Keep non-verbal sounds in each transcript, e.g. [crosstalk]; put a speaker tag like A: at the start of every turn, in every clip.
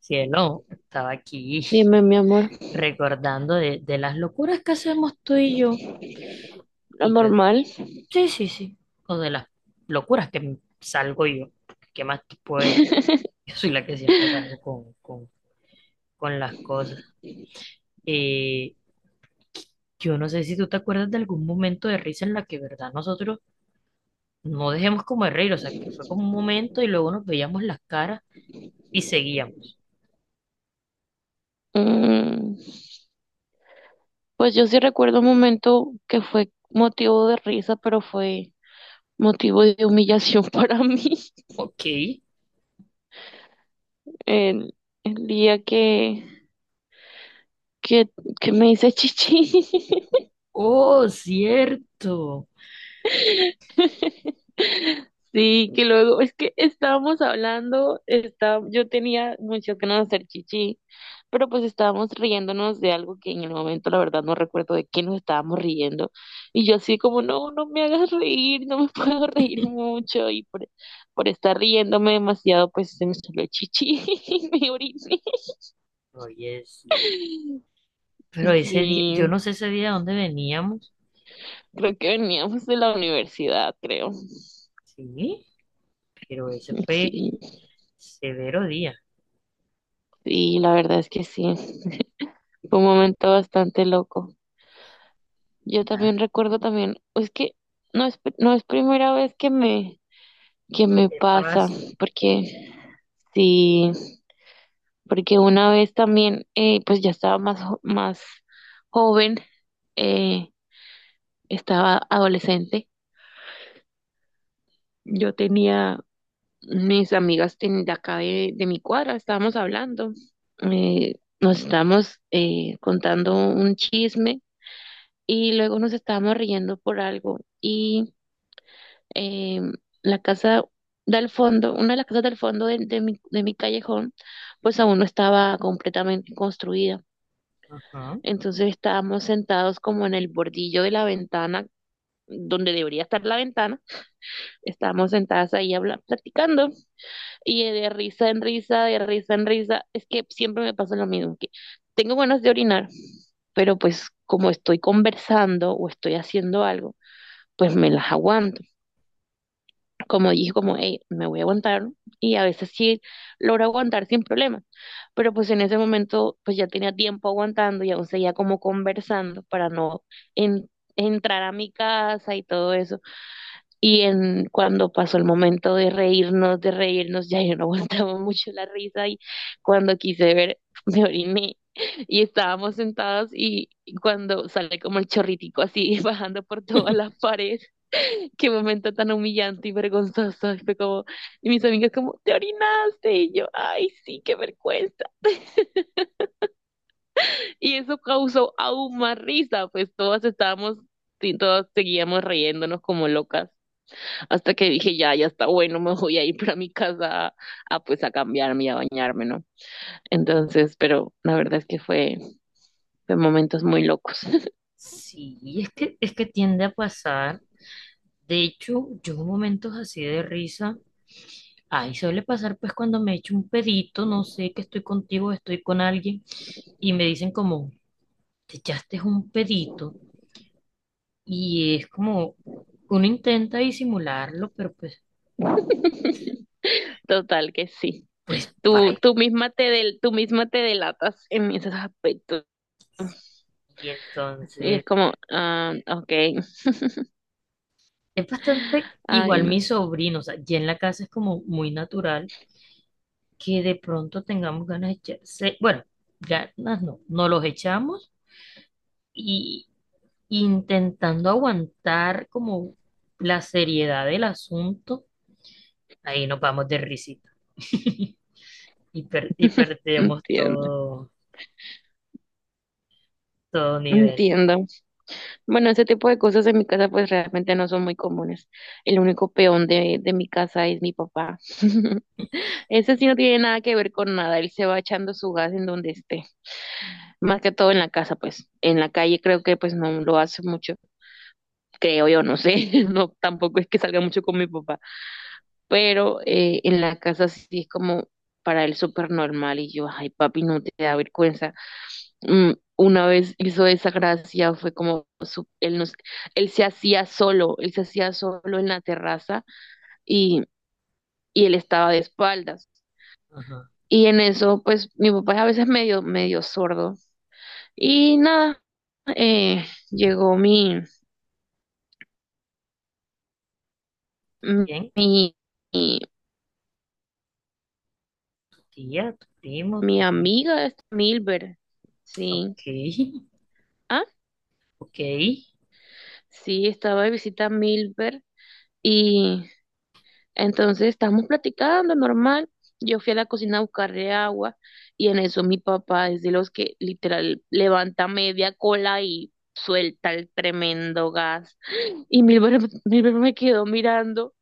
A: Cielo, estaba aquí
B: Dime, mi amor,
A: [laughs] recordando de las locuras que hacemos tú y yo.
B: lo
A: Y yo de,
B: normal.
A: sí, sí, sí. O de las locuras que salgo yo. ¿Qué más te puedes?
B: [laughs]
A: [laughs] Yo soy la que siempre salgo con las cosas. Eh, yo no sé si tú te acuerdas de algún momento de risa en la que, verdad, nosotros no dejemos como de reír. O sea, que fue como un momento y luego nos veíamos las caras y seguíamos.
B: Mm, pues yo sí recuerdo un momento que fue motivo de risa, pero fue motivo de humillación [laughs] para mí.
A: Ok.
B: El, el día que, que me hice chichi. [laughs]
A: Oh, cierto.
B: [laughs] Sí, que luego, es que estábamos hablando, está, yo tenía muchas ganas de hacer chichi, pero pues estábamos riéndonos de algo que en el momento la verdad no recuerdo de qué nos estábamos riendo. Y yo así como, no, no me hagas reír, no me [laughs] puedo reír mucho. Y por estar riéndome demasiado, pues se me salió chichi [laughs] y me oriné.
A: Oye, sí. Pero ese día, yo
B: Sí,
A: no sé ese día dónde veníamos,
B: creo que veníamos de la universidad, creo.
A: sí, pero ese fue
B: Sí,
A: severo día.
B: sí, la verdad es que sí, fue un momento bastante loco. Yo
A: Ah,
B: también recuerdo también, es que no es, no es primera vez que que
A: ¿qué
B: me
A: te
B: pasa,
A: pasa?
B: porque sí, porque una vez también, pues ya estaba más, más joven, eh, estaba adolescente, yo tenía, mis amigas de acá de mi cuadra, estábamos hablando, nos estábamos contando un chisme y luego nos estábamos riendo por algo, eh, la casa del fondo, una de las casas del fondo de mi, de mi callejón, pues aún no estaba completamente construida.
A: Ajá.
B: Entonces estábamos sentados como en el bordillo de la ventana, donde debería estar la ventana. Estábamos sentadas ahí platicando y de risa en risa, de risa en risa. Es que siempre me pasa lo mismo, que tengo ganas de orinar, pero pues como estoy conversando o estoy haciendo algo, pues me las aguanto. Como dije, como, hey, me voy a aguantar, y a veces sí logro aguantar sin problema, pero pues en ese momento pues ya tenía tiempo aguantando y aún seguía como conversando para no en- entrar a mi casa y todo eso. Y en cuando pasó el momento de reírnos, ya yo no [laughs] aguantaba mucho la risa y cuando quise ver, me oriné. Y estábamos sentados y cuando sale como el chorritico así [laughs] bajando por todas las paredes, qué momento tan humillante y vergonzoso. Y fue como, y mis amigas como, te orinaste. Y yo, ay, sí, qué vergüenza. Y eso causó aún más risa, pues todas estábamos, sí, todas seguíamos riéndonos como locas. Hasta que dije, ya, ya está bueno, me voy a ir para mi casa a, pues a cambiarme y a bañarme, ¿no? Entonces, pero la verdad es que fue, fue momentos muy locos.
A: Sí, es que tiende a pasar. De hecho, yo en momentos así de risa, ay, suele pasar pues cuando me echo un pedito, no sé que estoy contigo, estoy con alguien, y me dicen como, te echaste un pedito, y es como, uno intenta disimularlo, pero pues,
B: [laughs] Total que sí.
A: pues,
B: Tú,
A: bye.
B: tú misma te del, tú misma te delatas en esos aspectos.
A: Y
B: Y es
A: entonces
B: como, ah, ok,
A: es bastante
B: ay,
A: igual
B: no,
A: mi sobrino, o sea, ya en la casa es como muy natural que de pronto tengamos ganas de echarse, bueno, ganas no, no los echamos y intentando aguantar como la seriedad del asunto, ahí nos vamos de risita [laughs] y perdemos
B: entiendo,
A: todo, todo nivel.
B: entiendo. Bueno, ese tipo de cosas en mi casa pues realmente no son muy comunes. El único peón de mi casa es mi papá. [laughs] Ese sí no tiene nada que ver con nada, él se va echando su gas en donde esté. Más que todo en la casa, pues. En la calle creo que pues no lo hace mucho, creo yo, no sé, [laughs] no, tampoco es que salga mucho con mi papá. Pero en la casa sí es como para él súper normal y yo, ay papi, no te da vergüenza. Mm, una vez hizo esa gracia, fue como, él, nos, él se hacía solo, él se hacía solo en la terraza y, y él estaba de espaldas.
A: Ajá.
B: Y en eso, pues mi papá es a veces medio, medio sordo. Y nada, eh, llegó
A: ¿Quién?
B: mi, mi,
A: Tía, tu primo,
B: mi
A: tu amigo.
B: amiga, Milber, sí.
A: Ok, [laughs] ok.
B: Sí, estaba de visita a Milver y entonces estábamos platicando normal. Yo fui a la cocina a buscarle agua y en eso mi papá es de los que literal levanta media cola y suelta el tremendo gas. Y Milver me quedó mirando.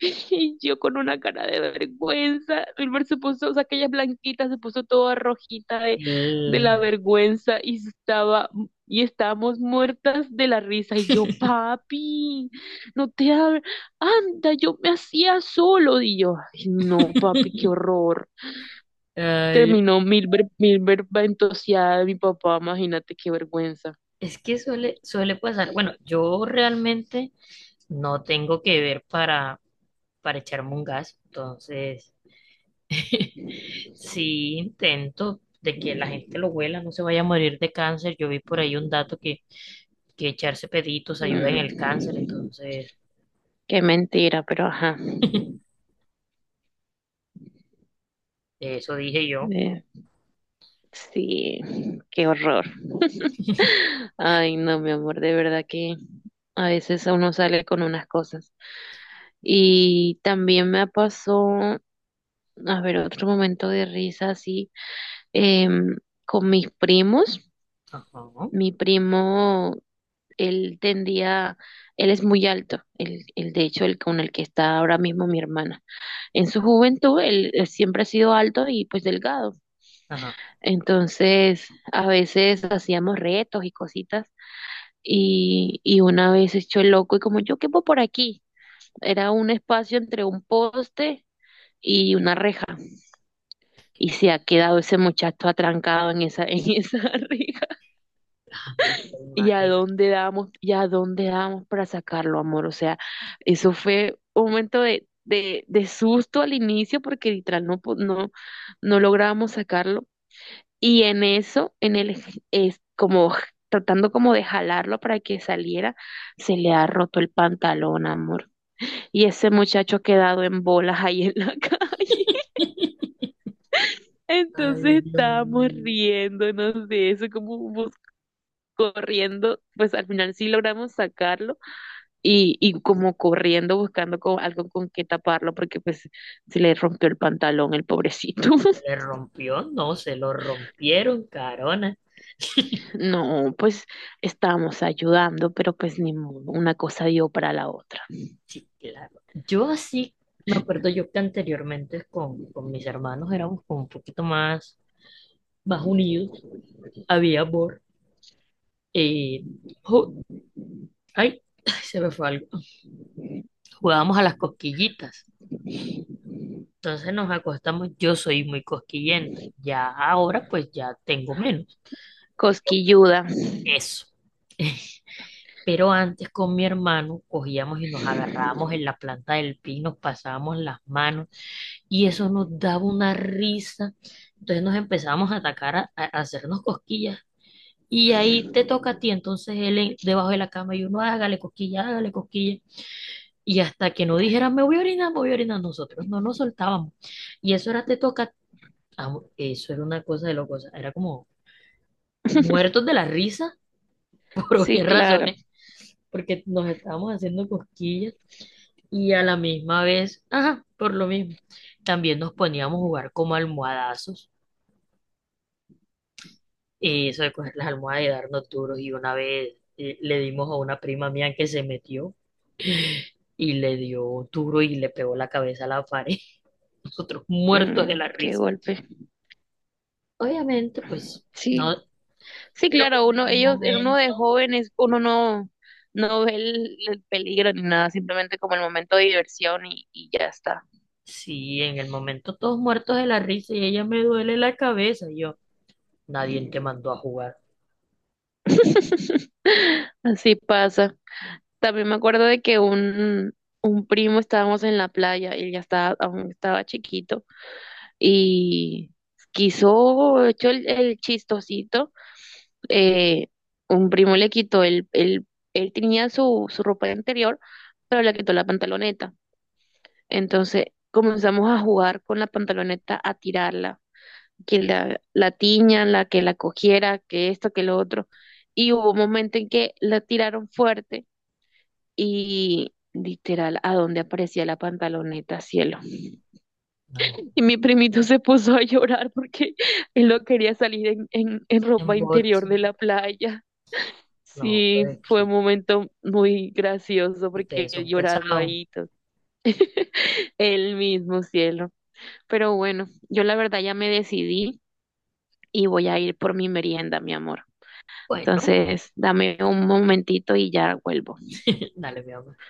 B: [laughs] Y yo con una cara de vergüenza, Wilmer se puso, o sea, aquella blanquita se puso toda rojita de
A: El-
B: la vergüenza y estaba, y estábamos muertas de la risa. Y yo, papi, no te abres, anda, yo me hacía solo. Y yo, ay, no, papi, qué
A: [laughs]
B: horror.
A: Ay,
B: Terminó Milber ventoseada de mi papá, imagínate qué vergüenza.
A: es que suele pasar. Bueno, yo realmente no tengo que ver para echarme un gas, entonces [laughs] sí intento de que la gente lo huela, no se vaya a morir de cáncer. Yo vi por ahí un dato que echarse peditos ayuda en el cáncer,
B: Mm,
A: entonces
B: qué mentira, pero ajá.
A: eso dije yo.
B: Eh, sí, qué horror. Ay, no, mi amor, de verdad que a veces uno sale con unas cosas. Y también me pasó, a ver, otro momento de risa así, em, con mis primos.
A: Ajá,
B: Mi primo, él tendía, él es muy alto, el, de hecho, el con el que está ahora mismo mi hermana. En su juventud, él siempre ha sido alto y pues delgado.
A: ajá.
B: Entonces, a veces hacíamos retos y cositas. Y una vez hecho el loco y como yo quepo por aquí, era un espacio entre un poste y una reja. Y
A: Que-
B: se ha quedado ese muchacho atrancado en esa, [laughs] en esa reja.
A: ay,
B: ¿Y a
A: imagina.
B: dónde damos, y a dónde damos para sacarlo, amor? O sea, eso fue un momento de susto al inicio porque literal no, no, no lográbamos sacarlo. Y en eso, en el, es como tratando como de jalarlo para que saliera, se le ha roto el pantalón, amor. Y ese muchacho ha quedado en bolas ahí en la [laughs] calle.
A: [laughs] Ay,
B: Entonces
A: Dios
B: estábamos
A: mío.
B: riéndonos de eso, como corriendo, pues al final sí logramos sacarlo y como corriendo buscando algo con que taparlo porque pues se le rompió el pantalón el pobrecito.
A: ¿Se le
B: [laughs]
A: rompió? No, se lo rompieron, carona. [laughs]
B: No, pues estábamos ayudando, pero pues ni modo, una cosa dio para la otra.
A: Sí, claro. Yo así, me acuerdo yo que anteriormente con mis hermanos éramos como un poquito más, más unidos, había amor. eh, ju- ay, [clears throat] se me fue algo. Jugábamos a las cosquillitas. Entonces nos acostamos, yo soy muy cosquillenta. Ya ahora pues ya tengo menos, pero
B: Cosquilluda.
A: eso. [laughs] Pero antes con mi hermano cogíamos y nos agarrábamos en la planta del pino, nos pasábamos las manos y eso nos daba una risa. Entonces nos empezamos a atacar, a hacernos cosquillas. Y ahí te toca a ti, entonces él debajo de la cama y uno hágale cosquilla, hágale cosquilla. Y hasta que no dijeran me voy a orinar, me voy a orinar, nosotros no nos soltábamos. Y eso era te toca, eso era una cosa de locos, era como muertos de la risa [laughs] por
B: Sí,
A: obvias
B: claro.
A: razones, porque nos estábamos haciendo cosquillas y a la misma vez, ajá, por lo mismo, también nos poníamos a jugar como almohadazos. Y eso de coger las almohadas y darnos duros. Y una vez le dimos a una prima mía que se metió y le dio duro y le pegó la cabeza a la pared. [laughs] Nosotros muertos de
B: Mm,
A: la
B: qué
A: risa.
B: golpe.
A: Obviamente, pues,
B: Sí,
A: no.
B: sí,
A: Pero
B: claro,
A: como en
B: uno,
A: el
B: ellos, uno de
A: momento.
B: jóvenes, uno no, no ve el peligro ni nada, simplemente como el momento de diversión y ya está.
A: Sí, en el momento todos muertos de la risa y ella me duele la cabeza. Y yo, nadie te mandó a jugar.
B: [laughs] Así pasa. También me acuerdo de que un primo estábamos en la playa, él ya estaba, aún estaba chiquito, y quiso, echó el chistosito, eh, un primo le quitó el, él tenía su, su ropa interior, pero le quitó la pantaloneta. Entonces comenzamos a jugar con la pantaloneta, a tirarla, que la tiñan, la que la cogiera, que esto, que lo otro. Y hubo un momento en que la tiraron fuerte y literal, a donde aparecía la pantaloneta, cielo.
A: No.
B: Y mi primito se puso a llorar porque [laughs] él no quería salir en
A: En
B: ropa
A: bots.
B: interior de la playa.
A: No,
B: Sí,
A: pero es
B: fue un
A: que
B: momento muy gracioso porque
A: ustedes
B: él
A: son
B: llorando
A: pesados.
B: ahí, todo. [laughs] Él mismo, cielo. Pero bueno, yo la verdad ya me decidí y voy a ir por mi merienda, mi amor.
A: Bueno,
B: Entonces, dame un momentito y ya vuelvo.
A: [laughs] dale, mi amor.